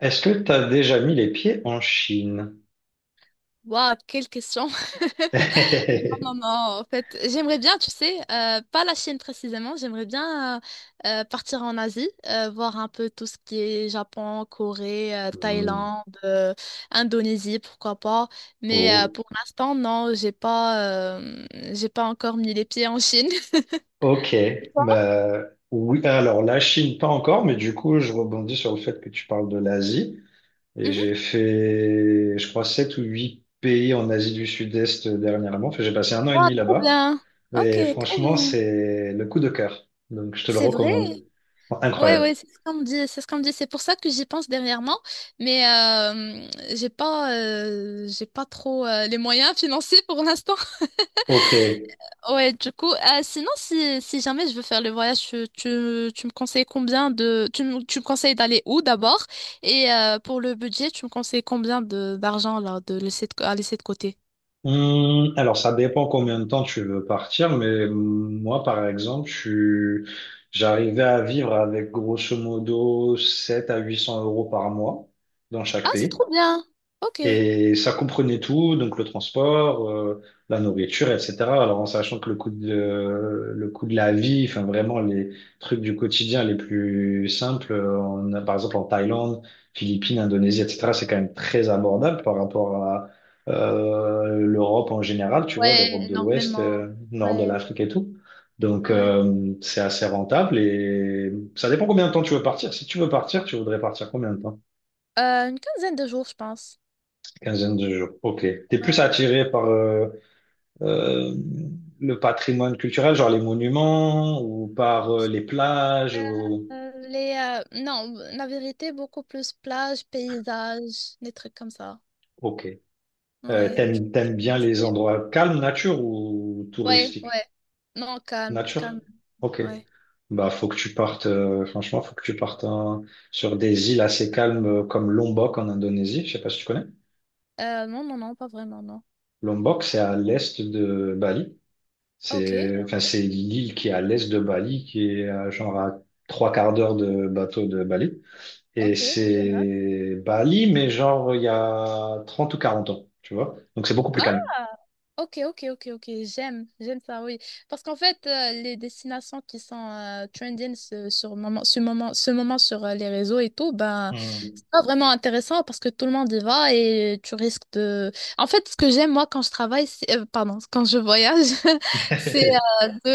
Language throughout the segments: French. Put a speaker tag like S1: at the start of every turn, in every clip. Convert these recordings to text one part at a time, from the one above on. S1: Est-ce que tu as déjà mis les pieds en Chine?
S2: Waouh, quelle question! Non, non, non, en fait, j'aimerais bien, tu sais, pas la Chine précisément, j'aimerais bien partir en Asie, voir un peu tout ce qui est Japon, Corée,
S1: Hmm.
S2: Thaïlande, Indonésie, pourquoi pas. Mais
S1: Oh.
S2: pour l'instant, non, j'ai pas encore mis les pieds en Chine.
S1: Ok.
S2: Et toi?
S1: Bah, oui, alors la Chine, pas encore, mais du coup, je rebondis sur le fait que tu parles de l'Asie. Et
S2: Mhm.
S1: j'ai fait, je crois, sept ou huit pays en Asie du Sud-Est dernièrement. Enfin, j'ai passé un an et
S2: Waouh,
S1: demi
S2: trop
S1: là-bas.
S2: bien! Ok,
S1: Et
S2: trop
S1: franchement,
S2: bien.
S1: c'est le coup de cœur. Donc, je te le
S2: C'est vrai?
S1: recommande.
S2: Ouais,
S1: Incroyable.
S2: ouais, c'est ce qu'on me dit, c'est ce qu'on me dit. C'est pour ça que j'y pense dernièrement, mais j'ai pas trop les moyens financiers pour l'instant.
S1: Ok.
S2: Ouais, du coup, sinon, si jamais je veux faire le voyage, tu me conseilles combien de, tu me conseilles d'aller où d'abord? Et pour le budget, tu me conseilles combien de d'argent là, à laisser de côté?
S1: Alors, ça dépend combien de temps tu veux partir, mais moi, par exemple, suis- j'arrivais à vivre avec grosso modo 700 à 800 euros par mois dans
S2: Ah,
S1: chaque
S2: c'est
S1: pays.
S2: trop bien. Ok.
S1: Et ça comprenait tout, donc le transport, la nourriture, etc. Alors en sachant que le coût de la vie, enfin vraiment les trucs du quotidien les plus simples, on a, par exemple en Thaïlande, Philippines, Indonésie, etc. C'est quand même très abordable par rapport à l'Europe en général, tu vois,
S2: Ouais,
S1: l'Europe de l'Ouest,
S2: énormément.
S1: nord de
S2: Ouais,
S1: l'Afrique et tout. Donc
S2: ouais.
S1: c'est assez rentable et ça dépend combien de temps tu veux partir. Si tu veux partir, tu voudrais partir combien de temps?
S2: Une quinzaine de jours, je pense.
S1: Quinzaine de jours. Ok. T'es plus attiré par euh, le patrimoine culturel, genre les monuments, ou par les
S2: Euh,
S1: plages, ou.
S2: non, la vérité, beaucoup plus plage, paysage, des trucs comme ça.
S1: Ok. Euh,
S2: Ouais, du
S1: t'aimes,
S2: coup,
S1: t'aimes bien les endroits calmes, nature ou
S2: ouais,
S1: touristiques?
S2: ouais. Non, calme,
S1: Nature?
S2: calme.
S1: Ok.
S2: Ouais.
S1: Bah, faut que tu partes, franchement, faut que tu partes hein, sur des îles assez calmes comme Lombok en Indonésie. Je sais pas si tu connais.
S2: Non, non, non, pas vraiment, non.
S1: Lombok, c'est à l'est de Bali.
S2: Ok,
S1: C'est enfin, c'est l'île qui est à l'est de Bali, qui est à, genre à trois quarts d'heure de bateau de Bali. Et
S2: ok, je note.
S1: c'est Bali, mais genre il y a 30 ou 40 ans, tu vois. Donc c'est beaucoup plus calme.
S2: Ok, ok, ok, ok, j'aime, j'aime ça, oui. Parce qu'en fait, les destinations qui sont trending ce- sur moment, ce moment, ce moment sur les réseaux et tout, ben,
S1: Hmm.
S2: c'est pas vraiment intéressant parce que tout le monde y va et tu risques de... En fait, ce que j'aime, moi, quand je travaille, pardon, quand je voyage, c'est euh, de...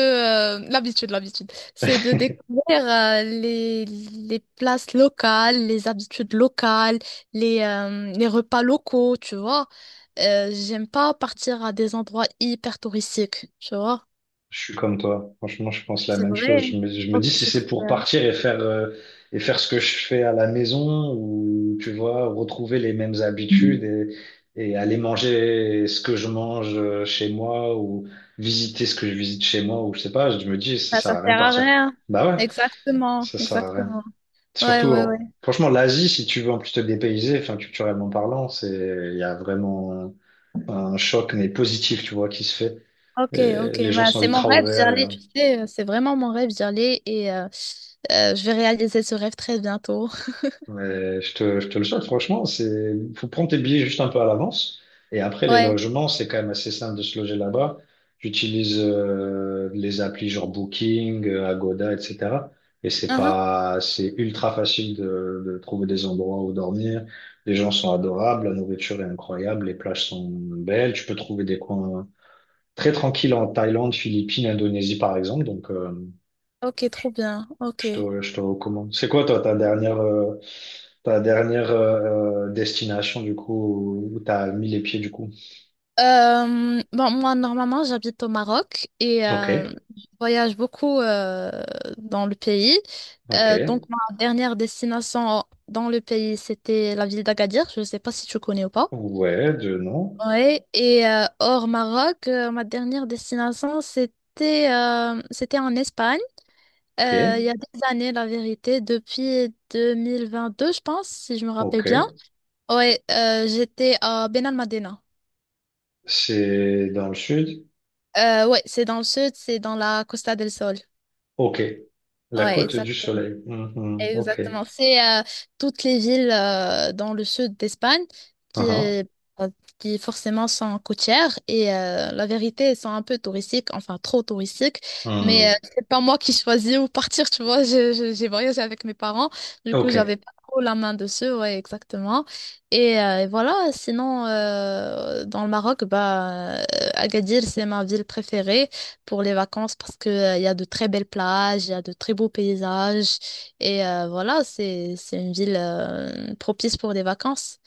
S2: euh, l'habitude, l'habitude. C'est de
S1: Hmm.
S2: découvrir les places locales, les habitudes locales, les repas locaux, tu vois. J'aime pas partir à des endroits hyper touristiques, tu vois.
S1: Je suis comme toi. Franchement, je pense la
S2: C'est
S1: même chose. Je
S2: vrai.
S1: me, je me
S2: Ok,
S1: dis si
S2: c'est
S1: c'est
S2: trop
S1: pour
S2: bien.
S1: partir et faire, ce que je fais à la maison ou, tu vois, retrouver les mêmes habitudes
S2: Mm.
S1: et aller manger ce que je mange chez moi ou visiter ce que je visite chez moi ou je sais pas, je me dis ça
S2: Ah,
S1: sert
S2: ça
S1: à rien de
S2: sert à
S1: partir.
S2: rien.
S1: Bah ouais,
S2: Exactement,
S1: ça sert à rien.
S2: exactement. Ouais,
S1: Surtout,
S2: ouais, ouais.
S1: franchement, l'Asie, si tu veux en plus te dépayser, enfin, culturellement parlant, il y a vraiment un choc, mais positif, tu vois, qui se fait.
S2: Ok,
S1: Et
S2: ok.
S1: les gens
S2: Bah,
S1: sont
S2: c'est mon
S1: ultra
S2: rêve d'y aller,
S1: ouverts.
S2: tu sais. C'est vraiment mon rêve d'y aller et je vais réaliser ce rêve très bientôt.
S1: Mais je te le souhaite, franchement, faut prendre tes billets juste un peu à l'avance. Et après, les
S2: Ouais.
S1: logements, c'est quand même assez simple de se loger là-bas. J'utilise les applis genre Booking, Agoda, etc. Et c'est
S2: Uhum.
S1: pas, c'est ultra facile de trouver des endroits où dormir. Les gens sont adorables, la nourriture est incroyable, les plages sont belles. Tu peux trouver des coins très tranquilles en Thaïlande, Philippines, Indonésie, par exemple. Donc,
S2: Ok,
S1: je,
S2: trop bien. Ok.
S1: je te recommande. C'est quoi, toi, ta dernière destination, du coup, où tu as mis les pieds, du coup.
S2: Bon, moi, normalement, j'habite au Maroc et
S1: Ok,
S2: je voyage beaucoup dans le pays.
S1: ok.
S2: Donc, ma dernière destination dans le pays, c'était la ville d'Agadir. Je ne sais pas si tu connais ou pas.
S1: Ouais, de non.
S2: Oui, et hors Maroc, ma dernière destination, c'était en Espagne. Il y
S1: Ok,
S2: a des années, la vérité, depuis 2022, je pense, si je me rappelle bien.
S1: ok.
S2: Oui, j'étais à Benalmádena.
S1: C'est dans le sud.
S2: Ouais, c'est dans le sud, c'est dans la Costa del Sol.
S1: Ok. La
S2: Ouais,
S1: côte du soleil. Mhm, Ok.
S2: exactement. C'est toutes les villes dans le sud d'Espagne qui,
S1: Uhum,
S2: euh, qui forcément sont côtières et la vérité, elles sont un peu touristiques, enfin trop touristiques, mais
S1: hmm,
S2: c'est pas moi qui choisis où partir, tu vois. J'ai voyagé avec mes parents, du coup, j'avais
S1: Ok.
S2: pas trop la main dessus, ouais, exactement. Et voilà, sinon, dans le Maroc, bah, Agadir, c'est ma ville préférée pour les vacances parce que, il y a de très belles plages, il y a de très beaux paysages. Et voilà, c'est une ville propice pour des vacances.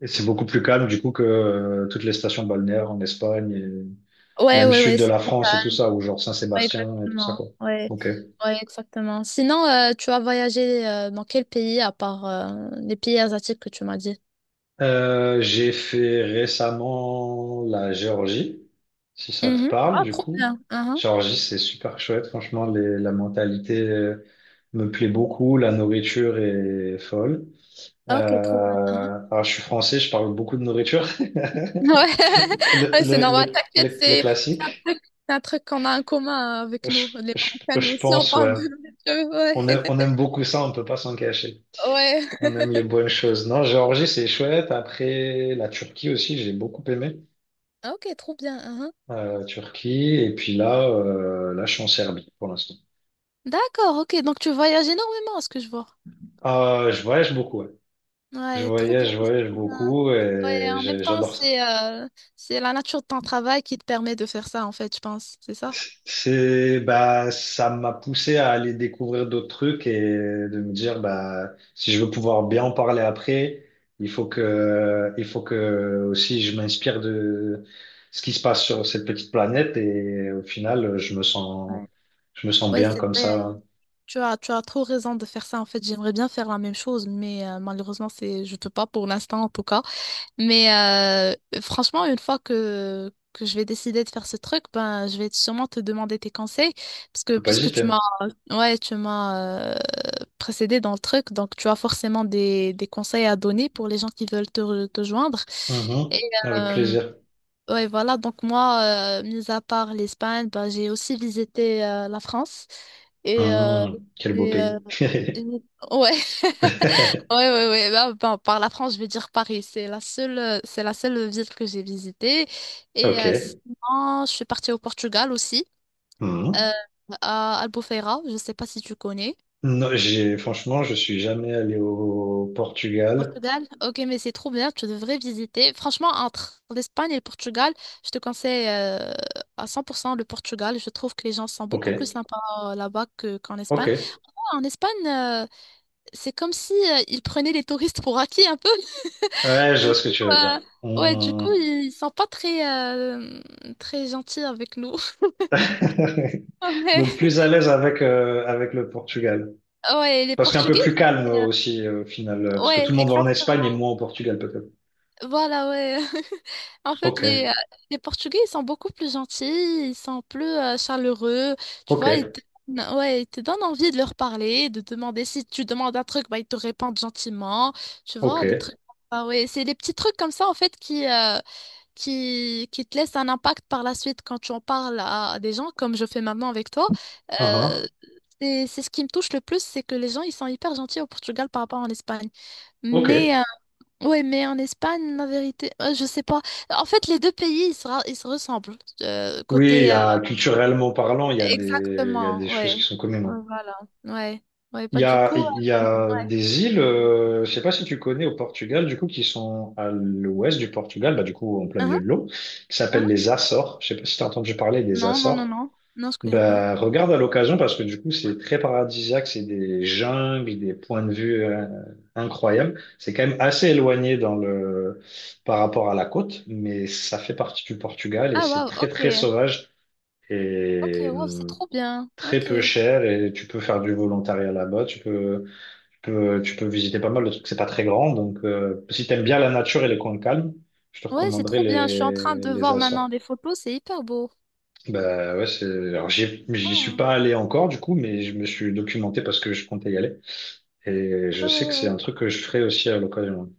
S1: Et c'est beaucoup plus calme, du coup, que toutes les stations balnéaires en Espagne, et
S2: Ouais,
S1: même
S2: ouais,
S1: sud
S2: ouais,
S1: de la France et tout ça, ou genre
S2: ouais,
S1: Saint-Sébastien et tout ça,
S2: exactement.
S1: quoi.
S2: Ouais,
S1: Ok.
S2: ouais, exactement. Sinon, tu as voyagé dans quel pays à part les pays asiatiques que tu m'as dit?
S1: J'ai fait récemment la Géorgie, si ça te
S2: Mhm.
S1: parle,
S2: Ah,
S1: du
S2: trop
S1: coup.
S2: bien. Mhm.
S1: Géorgie, c'est super chouette. Franchement, la mentalité me plaît beaucoup. La nourriture est folle.
S2: Ah, ok, trop
S1: Euh,
S2: bien. Mhm.
S1: alors, je suis français, je parle beaucoup de nourriture.
S2: Ouais,
S1: Le,
S2: ouais, c'est
S1: le,
S2: normal.
S1: le,
S2: T'inquiète,
S1: le, le
S2: c'est un
S1: classique,
S2: truc, c'est un truc qu'on a en commun avec nous,
S1: je,
S2: les
S1: je,
S2: Marocains. Nous
S1: je
S2: aussi, on
S1: pense,
S2: parle
S1: ouais.
S2: de nourriture.
S1: On
S2: Ouais.
S1: aime, on aime beaucoup ça, on peut pas s'en cacher.
S2: Ouais.
S1: On aime les bonnes choses. Non, Géorgie, c'est chouette. Après, la Turquie aussi, j'ai beaucoup aimé.
S2: Ah, ok, trop bien. Mhm.
S1: Turquie, et puis là, je suis en Serbie pour l'instant.
S2: D'accord, ok. Donc, tu voyages énormément, à ce que je vois.
S1: Ah je voyage beaucoup, ouais. Je
S2: Ouais, trop bien,
S1: voyage, je
S2: c'est
S1: voyage
S2: trop bien.
S1: beaucoup,
S2: Ouais,
S1: et
S2: en même temps,
S1: j'adore ça.
S2: c'est la nature de ton travail qui te permet de faire ça, en fait, je pense, c'est ça?
S1: Bah, ça m'a poussé à aller découvrir d'autres trucs et de me dire, bah, si je veux pouvoir bien en parler après, il faut que aussi je m'inspire de ce qui se passe sur cette petite planète et au final,
S2: Ouais.
S1: je me sens
S2: Ouais,
S1: bien
S2: c'est
S1: comme
S2: vrai. Hein.
S1: ça.
S2: Tu as trop raison de faire ça, en fait. J'aimerais bien faire la même chose, mais malheureusement, je peux pas pour l'instant, en tout cas. Mais franchement, une fois que je vais décider de faire ce truc, ben, je vais sûrement te demander tes conseils, parce que
S1: Faut pas
S2: puisque tu
S1: hésiter.
S2: m'as, ouais, tu m'as précédé dans le truc, donc tu as forcément des, conseils à donner pour les gens qui veulent te joindre. Et
S1: Mhm. Avec
S2: euh,
S1: plaisir.
S2: ouais, voilà, donc moi, mis à part l'Espagne, ben, j'ai aussi visité la France. Et, euh,
S1: Quel beau
S2: et,
S1: pays.
S2: euh, et- ouais. Ouais, ouais, ouais. Bah, par la France, je vais dire Paris. C'est la seule ville que j'ai visitée. Et
S1: Ok.
S2: sinon, je suis partie au Portugal aussi, euh,
S1: Hum.
S2: à Albufeira. Je sais pas si tu connais.
S1: Non, franchement, je suis jamais allé au Portugal.
S2: Portugal? Ok, mais c'est trop bien. Tu devrais visiter. Franchement, entre l'Espagne et le Portugal, je te conseille à 100% le Portugal. Je trouve que les gens sont beaucoup plus
S1: Ok.
S2: sympas là-bas qu'en
S1: Ok.
S2: Espagne.
S1: Ouais,
S2: En Espagne, c'est comme si ils prenaient les touristes pour acquis un peu.
S1: je vois
S2: Du
S1: ce que
S2: coup,
S1: tu veux dire.
S2: ouais, du coup,
S1: Hum.
S2: ils sont pas très, très gentils avec nous.
S1: Donc
S2: Ouais,
S1: plus à l'aise avec le Portugal.
S2: ouais, les
S1: Parce qu'un peu
S2: Portugais,
S1: plus
S2: ils
S1: calme
S2: étaient,
S1: aussi au final. euh, Parce que tout le
S2: ouais,
S1: monde va en
S2: exactement.
S1: Espagne et moins au Portugal peut-être.
S2: Voilà, ouais. En fait,
S1: Ok.
S2: les Portugais, ils sont beaucoup plus gentils, ils sont plus chaleureux, tu
S1: Ok.
S2: vois, ouais, ils te donnent envie de leur parler, de demander si tu demandes un truc, bah, ils te répondent gentiment, tu vois, des
S1: Ok.
S2: trucs. Ah ouais, c'est des petits trucs comme ça, en fait, qui te laisse un impact par la suite quand tu en parles à des gens, comme je fais maintenant avec toi.
S1: Ah,
S2: Euh,
S1: ah.
S2: c'est ce qui me touche le plus, c'est que les gens, ils sont hyper gentils au Portugal par rapport en Espagne.
S1: Ok.
S2: Mais, ouais, mais en Espagne, la vérité, je sais pas. En fait, les deux pays, ils se ressemblent.
S1: Oui, il y
S2: Côté,
S1: a culturellement parlant, il y a des
S2: exactement,
S1: choses qui
S2: ouais.
S1: sont communes.
S2: Ouais,
S1: Hein.
S2: voilà, ouais. Ouais,
S1: Il
S2: pas
S1: y
S2: du
S1: a,
S2: coup.
S1: il y a
S2: Ouais.
S1: des îles, je sais pas si tu connais au Portugal, du coup, qui sont à l'ouest du Portugal, bah, du coup, en plein
S2: Hein,
S1: milieu de l'eau, qui
S2: hein.
S1: s'appellent les Açores. Je sais pas si tu as entendu parler des
S2: Non, non, non,
S1: Açores.
S2: non. Non, je connais pas.
S1: Bah, regarde à l'occasion parce que du coup, c'est très paradisiaque, c'est des jungles, des points de vue incroyables. C'est quand même assez éloigné par rapport à la côte, mais ça fait partie du Portugal et
S2: Ah,
S1: c'est
S2: waouh,
S1: très,
S2: ok.
S1: très sauvage
S2: Ok,
S1: et
S2: waouh, c'est trop bien.
S1: très
S2: Ok.
S1: peu cher et tu peux faire du volontariat là-bas, tu peux visiter pas mal de trucs, c'est pas très grand. Donc, si t'aimes bien la nature et les coins calmes, je te
S2: Ouais, c'est
S1: recommanderais
S2: trop bien. Je suis en train
S1: les,
S2: de
S1: les
S2: voir maintenant
S1: Açores.
S2: les photos. C'est hyper beau.
S1: Bah ouais, alors j'y
S2: Ah.
S1: suis pas allé encore du coup, mais je me suis documenté parce que je comptais y aller. Et je
S2: Ouais,
S1: sais que
S2: ouais,
S1: c'est
S2: ouais.
S1: un truc que je ferai aussi à l'occasion.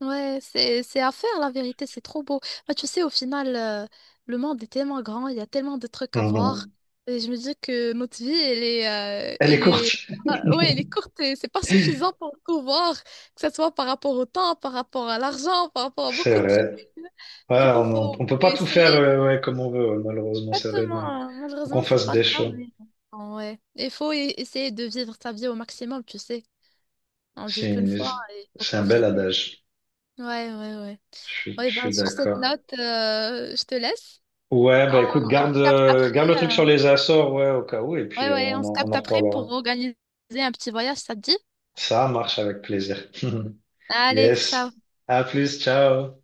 S2: Ouais, c'est à faire, la vérité. C'est trop beau. Bah, tu sais, au final, le monde est tellement grand. Il y a tellement de trucs à voir.
S1: Mhm.
S2: Et je me dis que notre vie,
S1: Elle est courte.
S2: ah, ouais, elle est courte et c'est pas suffisant pour tout voir. Que ce soit par rapport au temps, par rapport à l'argent, par rapport à
S1: C'est
S2: beaucoup de trucs.
S1: vrai. Ouais,
S2: Du coup,
S1: on, on peut
S2: faut
S1: pas tout faire
S2: essayer.
S1: ouais, comme on veut, ouais, malheureusement, c'est vrai.
S2: Exactement,
S1: Donc,
S2: hein.
S1: faut qu'on
S2: Malheureusement, c'est
S1: fasse
S2: pas le
S1: des
S2: cas,
S1: choix.
S2: mais bon, ouais. Il faut essayer de vivre sa vie au maximum, tu sais. On vit qu'une
S1: C'est
S2: fois et il faut
S1: c'est un bel
S2: profiter.
S1: adage.
S2: Ouais, ouais, ouais.
S1: Je suis je
S2: Ouais, bah,
S1: suis
S2: sur cette
S1: d'accord.
S2: note, je te laisse.
S1: Ouais,
S2: On,
S1: bah écoute,
S2: on
S1: garde,
S2: se capte
S1: euh, garde
S2: après.
S1: le truc sur les Açores, ouais, au cas où, et
S2: Ouais,
S1: puis euh,
S2: ouais, on
S1: on
S2: se
S1: en, on
S2: capte
S1: en
S2: après
S1: reparlera.
S2: pour organiser un petit voyage, ça te dit?
S1: Ça marche avec plaisir.
S2: Allez, ciao.
S1: Yes. À plus, ciao.